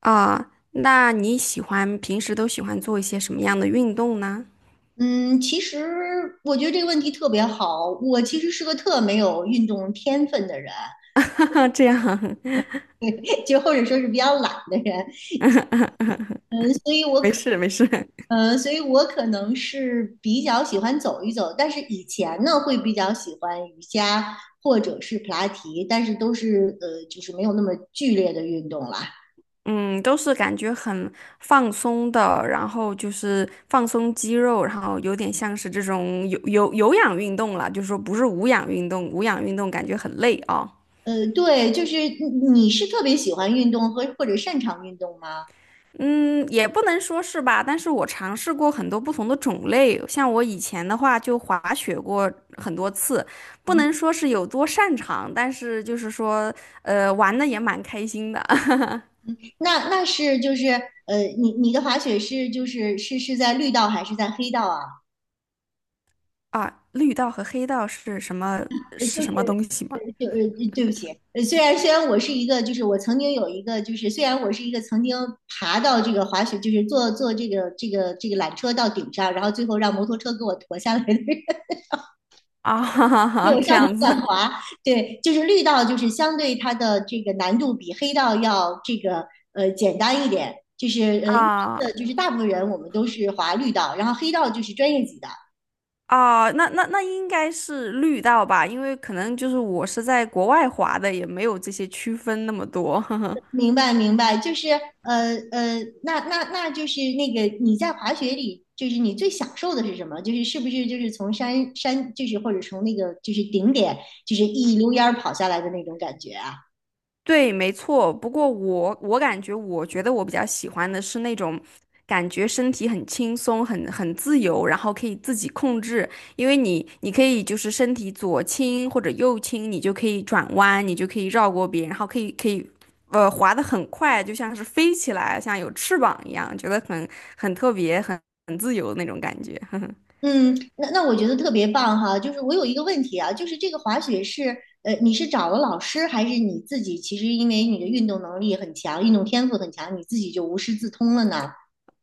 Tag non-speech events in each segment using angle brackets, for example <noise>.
啊，那你喜欢平时都喜欢做一些什么样的运动呢？嗯，其实我觉得这个问题特别好。我其实是个特没有运动天分的人，<laughs> 这样，<laughs> 就或者说是比较懒的人。嗯，所以 <laughs> 我没可，事没事。所以我可能是比较喜欢走一走，但是以前呢会比较喜欢瑜伽或者是普拉提，但是都是就是没有那么剧烈的运动啦。嗯，都是感觉很放松的，然后就是放松肌肉，然后有点像是这种有氧运动了，就是说不是无氧运动，无氧运动感觉很累啊。对，就是你是特别喜欢运动和或者擅长运动吗？嗯，也不能说是吧，但是我尝试过很多不同的种类，像我以前的话就滑雪过很多次，不能说是有多擅长，但是就是说，玩的也蛮开心的 <laughs> 那是，你的滑雪是是在绿道还是在黑道啊？啊。绿道和黑道是什么呃，就是是什么东西吗？就呃，对不起，虽然我是一个，就是我曾经有一个，就是虽然我是一个曾经爬到这个滑雪，就是坐这个缆车到顶上，然后最后让摩托车给我驮下来的人，<laughs> 啊，<laughs> 哈哈就哈，我这上去样乱子滑。对，就是绿道就是相对它的这个难度比黑道要这个简单一点，就是一啊般的就是大部分人我们都是滑绿道，然后黑道就是专业级的。啊，那应该是绿道吧，因为可能就是我是在国外滑的，也没有这些区分那么多。<laughs> 明白明白，那就是那个你在滑雪里，就是你最享受的是什么？就是是不是就是从山，就是或者从那个就是顶点，就是一溜烟儿跑下来的那种感觉啊？对，没错。不过我感觉，我觉得我比较喜欢的是那种感觉身体很轻松、很自由，然后可以自己控制。因为你可以就是身体左倾或者右倾，你就可以转弯，你就可以绕过别人，然后可以滑得很快，就像是飞起来，像有翅膀一样，觉得很很特别、很自由的那种感觉。<laughs> 嗯，那我觉得特别棒哈。就是我有一个问题啊，就是这个滑雪是你是找了老师，还是你自己？其实因为你的运动能力很强，运动天赋很强，你自己就无师自通了呢？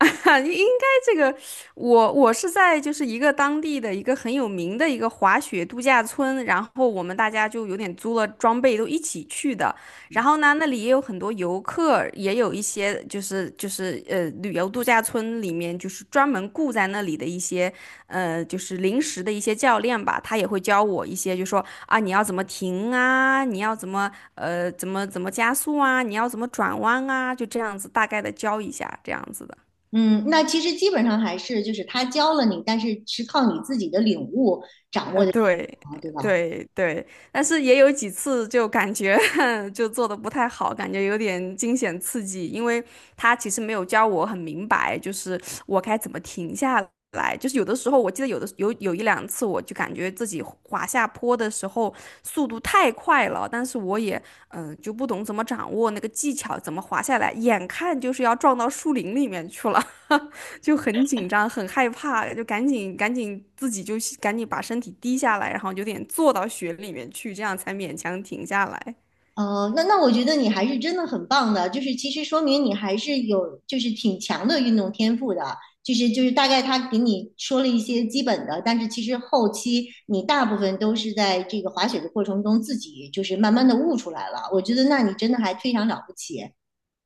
<laughs> 应该这个，我是在就是一个当地的一个很有名的一个滑雪度假村，然后我们大家就有点租了装备都一起去的。然后呢，那里也有很多游客，也有一些就是旅游度假村里面就是专门雇在那里的一些就是临时的一些教练吧，他也会教我一些，就说啊你要怎么停啊，你要怎么加速啊，你要怎么转弯啊，就这样子大概的教一下这样子的。嗯，那其实基本上还是就是他教了你，但是是靠你自己的领悟掌握呃，的技对，巧嘛对吧？对，对，但是也有几次就感觉 <laughs> 就做的不太好，感觉有点惊险刺激，因为他其实没有教我很明白，就是我该怎么停下来。就是有的时候，我记得有的有有一两次，我就感觉自己滑下坡的时候速度太快了，但是我也就不懂怎么掌握那个技巧，怎么滑下来，眼看就是要撞到树林里面去了。<laughs> 就很紧张，很害怕，就赶紧自己就赶紧把身体低下来，然后有点坐到雪里面去，这样才勉强停下来。那我觉得你还是真的很棒的，就是其实说明你还是有就是挺强的运动天赋的，就是大概他给你说了一些基本的，但是其实后期你大部分都是在这个滑雪的过程中自己就是慢慢的悟出来了，我觉得那你真的还非常了不起。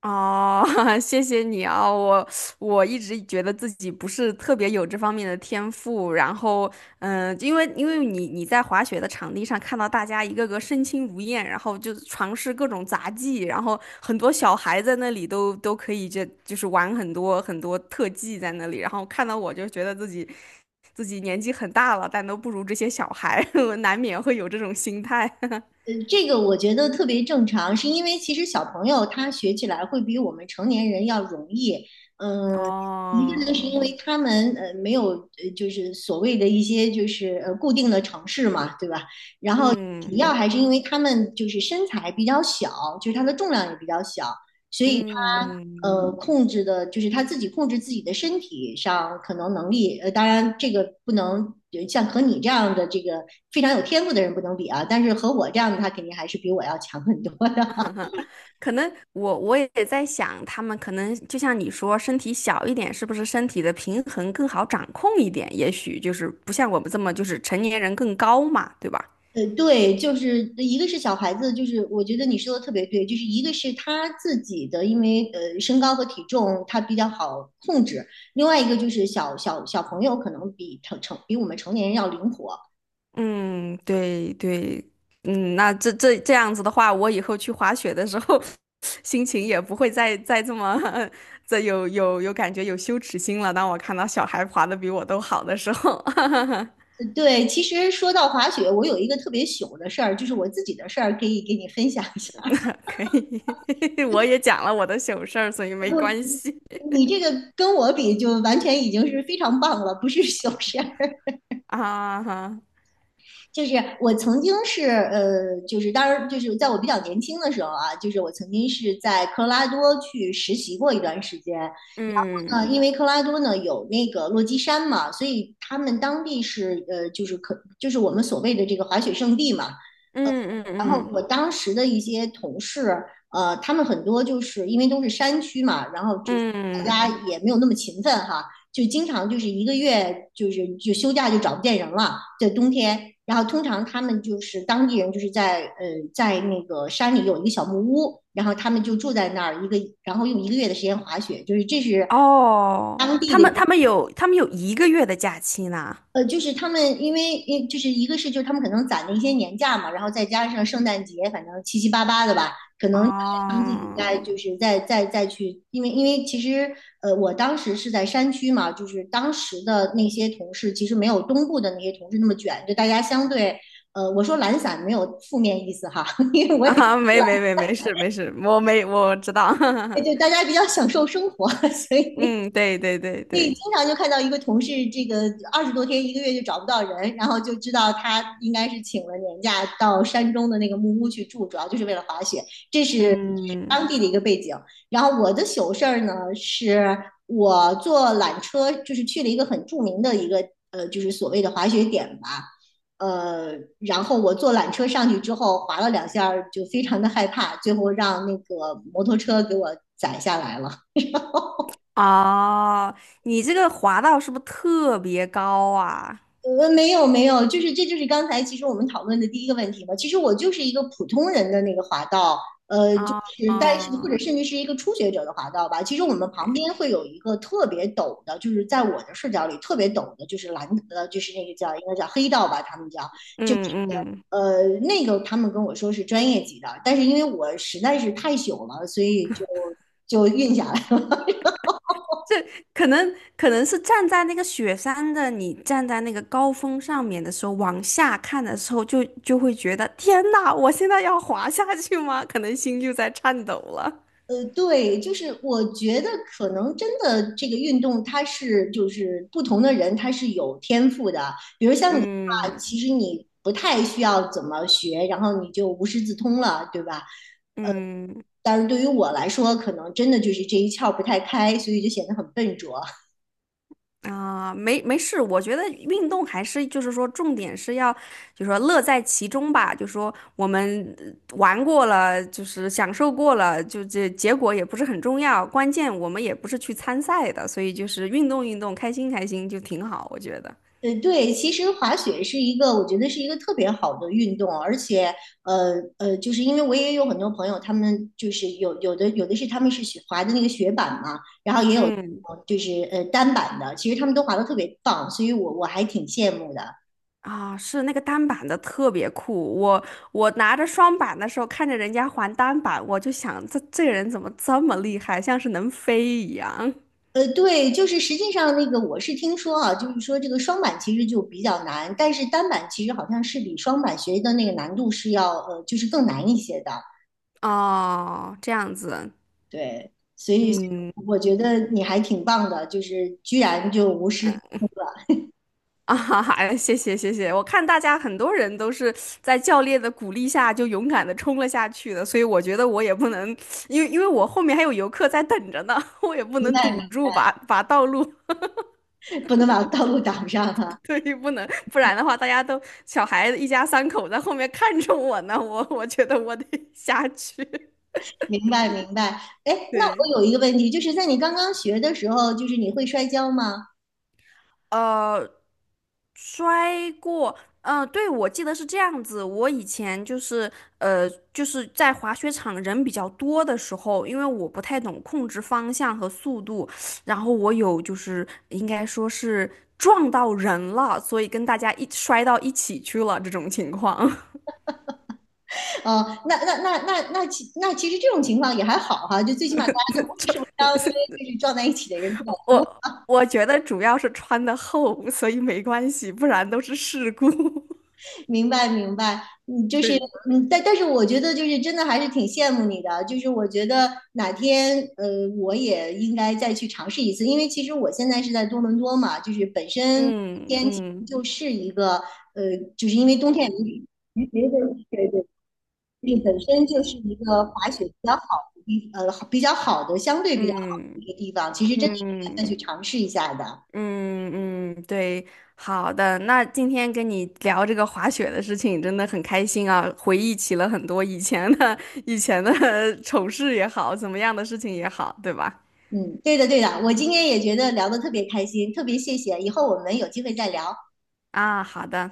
哦，<laughs> 谢谢你啊，我我一直觉得自己不是特别有这方面的天赋，然后，因为你在滑雪的场地上看到大家一个个身轻如燕，然后就尝试各种杂技，然后很多小孩在那里都可以就是玩很多很多特技在那里，然后看到我就觉得自己自己年纪很大了，但都不如这些小孩，<laughs> 我难免会有这种心态。这个我觉得特别正常，是因为其实小朋友他学起来会比我们成年人要容易。<laughs> 嗯，一个呢是哦，因为他们没有就是所谓的一些就是固定的城市嘛，对吧？然后主嗯要还是因为他们就是身材比较小，就是他的重量也比较小，所以嗯。他嗯控制的，就是他自己控制自己的身体上可能能力，当然这个不能像和你这样的这个非常有天赋的人不能比啊，但是和我这样的他肯定还是比我要强很多的。<laughs> 可能我也在想，他们可能就像你说，身体小一点，是不是身体的平衡更好掌控一点？也许就是不像我们这么，就是成年人更高嘛，对吧？对，就是一个是小孩子，就是我觉得你说的特别对，就是一个是他自己的，因为身高和体重他比较好控制，另外一个就是小朋友可能比比我们成年人要灵活，嗯，对对，嗯，那这样子的话，我以后去滑雪的时候，<laughs> 心情也不会再这么 <laughs> 这有感觉有羞耻心了。当我看到小孩滑的比我都好的时候，对，其实说到滑雪，我有一个特别糗的事儿，就是我自己的事儿，可以给你分享一下。<laughs> <laughs> 可以，<laughs> 我也讲了我的糗事儿，所以不，没关系 你这个跟我比，就完全已经是非常棒了，不是糗事儿。<laughs> <laughs> 啊哈。就是我曾经是就是当然就是在我比较年轻的时候啊，就是我曾经是在科罗拉多去实习过一段时间。然嗯后呢，因为科罗拉多呢有那个落基山嘛，所以他们当地是就是就是我们所谓的这个滑雪圣地嘛。嗯嗯然后我嗯当时的一些同事，他们很多就是因为都是山区嘛，然后就是嗯，大家也没有那么勤奋哈，就经常就是一个月就休假就找不见人了，在冬天。然后通常他们就是当地人，就是在那个山里有一个小木屋，然后他们就住在那儿一个，然后用一个月的时间滑雪，就是这是哦，当地他的一们个他们有他们有1个月的假期呢。就是他们因为就是一个是就是他们可能攒了一些年假嘛，然后再加上圣诞节，反正七七八八的吧，可能他们自己再哦，就是再再再去，因为其实我当时是在山区嘛，就是当时的那些同事其实没有东部的那些同事那么卷，就大家相对我说懒散没有负面意思哈，<laughs> 因为 <laughs> 我也啊，没事没事，我没我知道。就 <laughs> 大家比较享受生活，<laughs> 所以嗯，对对对对，经对，常就看到一个同事，这个二十多天一个月就找不到人，然后就知道他应该是请了年假到山中的那个木屋去住，主要就是为了滑雪，这是嗯，当地的一个背景。然后我的糗事儿呢，是我坐缆车，就是去了一个很著名的一个就是所谓的滑雪点吧，呃，然后我坐缆车上去之后滑了两下儿，就非常的害怕，最后让那个摩托车给我载下来了。哦，你这个滑道是不是特别高啊？没有没有，就是这就是刚才其实我们讨论的第一个问题嘛。其实我就是一个普通人的那个滑道，就啊是但是或者甚至是一个初学者的滑道吧。其实我们旁边会有一个特别陡的，就是在我的视角里特别陡的，就是蓝呃，就是那个叫应该叫黑道吧，他们叫就是嗯嗯。呃那个他们跟我说是专业级的，但是因为我实在是太朽了，所以就运下来。这可能是站在那个雪山的你，站在那个高峰上面的时候，往下看的时候就，就会觉得天呐，我现在要滑下去吗？可能心就在颤抖了。对，就是我觉得可能真的这个运动，它是就是不同的人他是有天赋的。比如像你的话，嗯其实你不太需要怎么学，然后你就无师自通了，对吧？呃，嗯，但是对于我来说，可能真的就是这一窍不太开，所以就显得很笨拙。啊，没没事，我觉得运动还是就是说，重点是要就是说乐在其中吧。就说我们玩过了，就是享受过了，就这结果也不是很重要，关键我们也不是去参赛的，所以就是运动运动，开心开心就挺好，我觉得。对，其实滑雪是一个，我觉得是一个特别好的运动，而且，就是因为我也有很多朋友，他们就是有的是他们是雪滑的那个雪板嘛，然后也有嗯，就是单板的，其实他们都滑得特别棒，所以我还挺羡慕的。啊，是那个单板的特别酷，我我拿着双板的时候，看着人家还单板，我就想这个人怎么这么厉害，像是能飞一样。对，就是实际上那个我是听说啊，就是说这个双板其实就比较难，但是单板其实好像是比双板学的那个难度是要就是更难一些的。哦，这样子，对，所以嗯。我觉得你还挺棒的，就是居然就无师自嗯通，啊哈哈，谢谢谢谢！我看大家很多人都是在教练的鼓励下就勇敢的冲了下去的，所以我觉得我也不能，因为我后面还有游客在等着呢，<laughs> 我也不明能堵白住把道路，不能把道路挡上哈，<laughs> 对，不能，不然的话大家都小孩子一家三口在后面看着我呢，我觉得我得下去，明白明白，哎，<laughs> 那对。我有一个问题，就是在你刚刚学的时候，就是你会摔跤吗？呃，摔过，呃，对，我记得是这样子。我以前就是，呃，就是在滑雪场人比较多的时候，因为我不太懂控制方向和速度，然后我有就是应该说是撞到人了，所以跟大家一摔到一起去了这种情况。哦，那那那那那其那其实这种情况也还好哈，就最起码大家都不会受伤，因为就是撞在一起的人 <laughs> 我觉得主要是穿的厚，所以没关系，不然都是事故。<laughs> 明白明白，对，但是我觉得就是真的还是挺羡慕你的，就是我觉得哪天我也应该再去尝试一次，因为其实我现在是在多伦多嘛，就是本身嗯天气嗯就是一个就是因为冬天也没的，对对对，就是本身就是一个滑雪比较好的地，好比较好的，相对比较好嗯的一个地方，其实真的应该嗯。再去尝试一下的。嗯嗯，对，好的。那今天跟你聊这个滑雪的事情，真的很开心啊，回忆起了很多以前的 <laughs> 以前的 <laughs> 丑事也好，怎么样的事情也好，对吧？嗯，对的，对的，我今天也觉得聊得特别开心，特别谢谢，以后我们有机会再聊。啊，好的。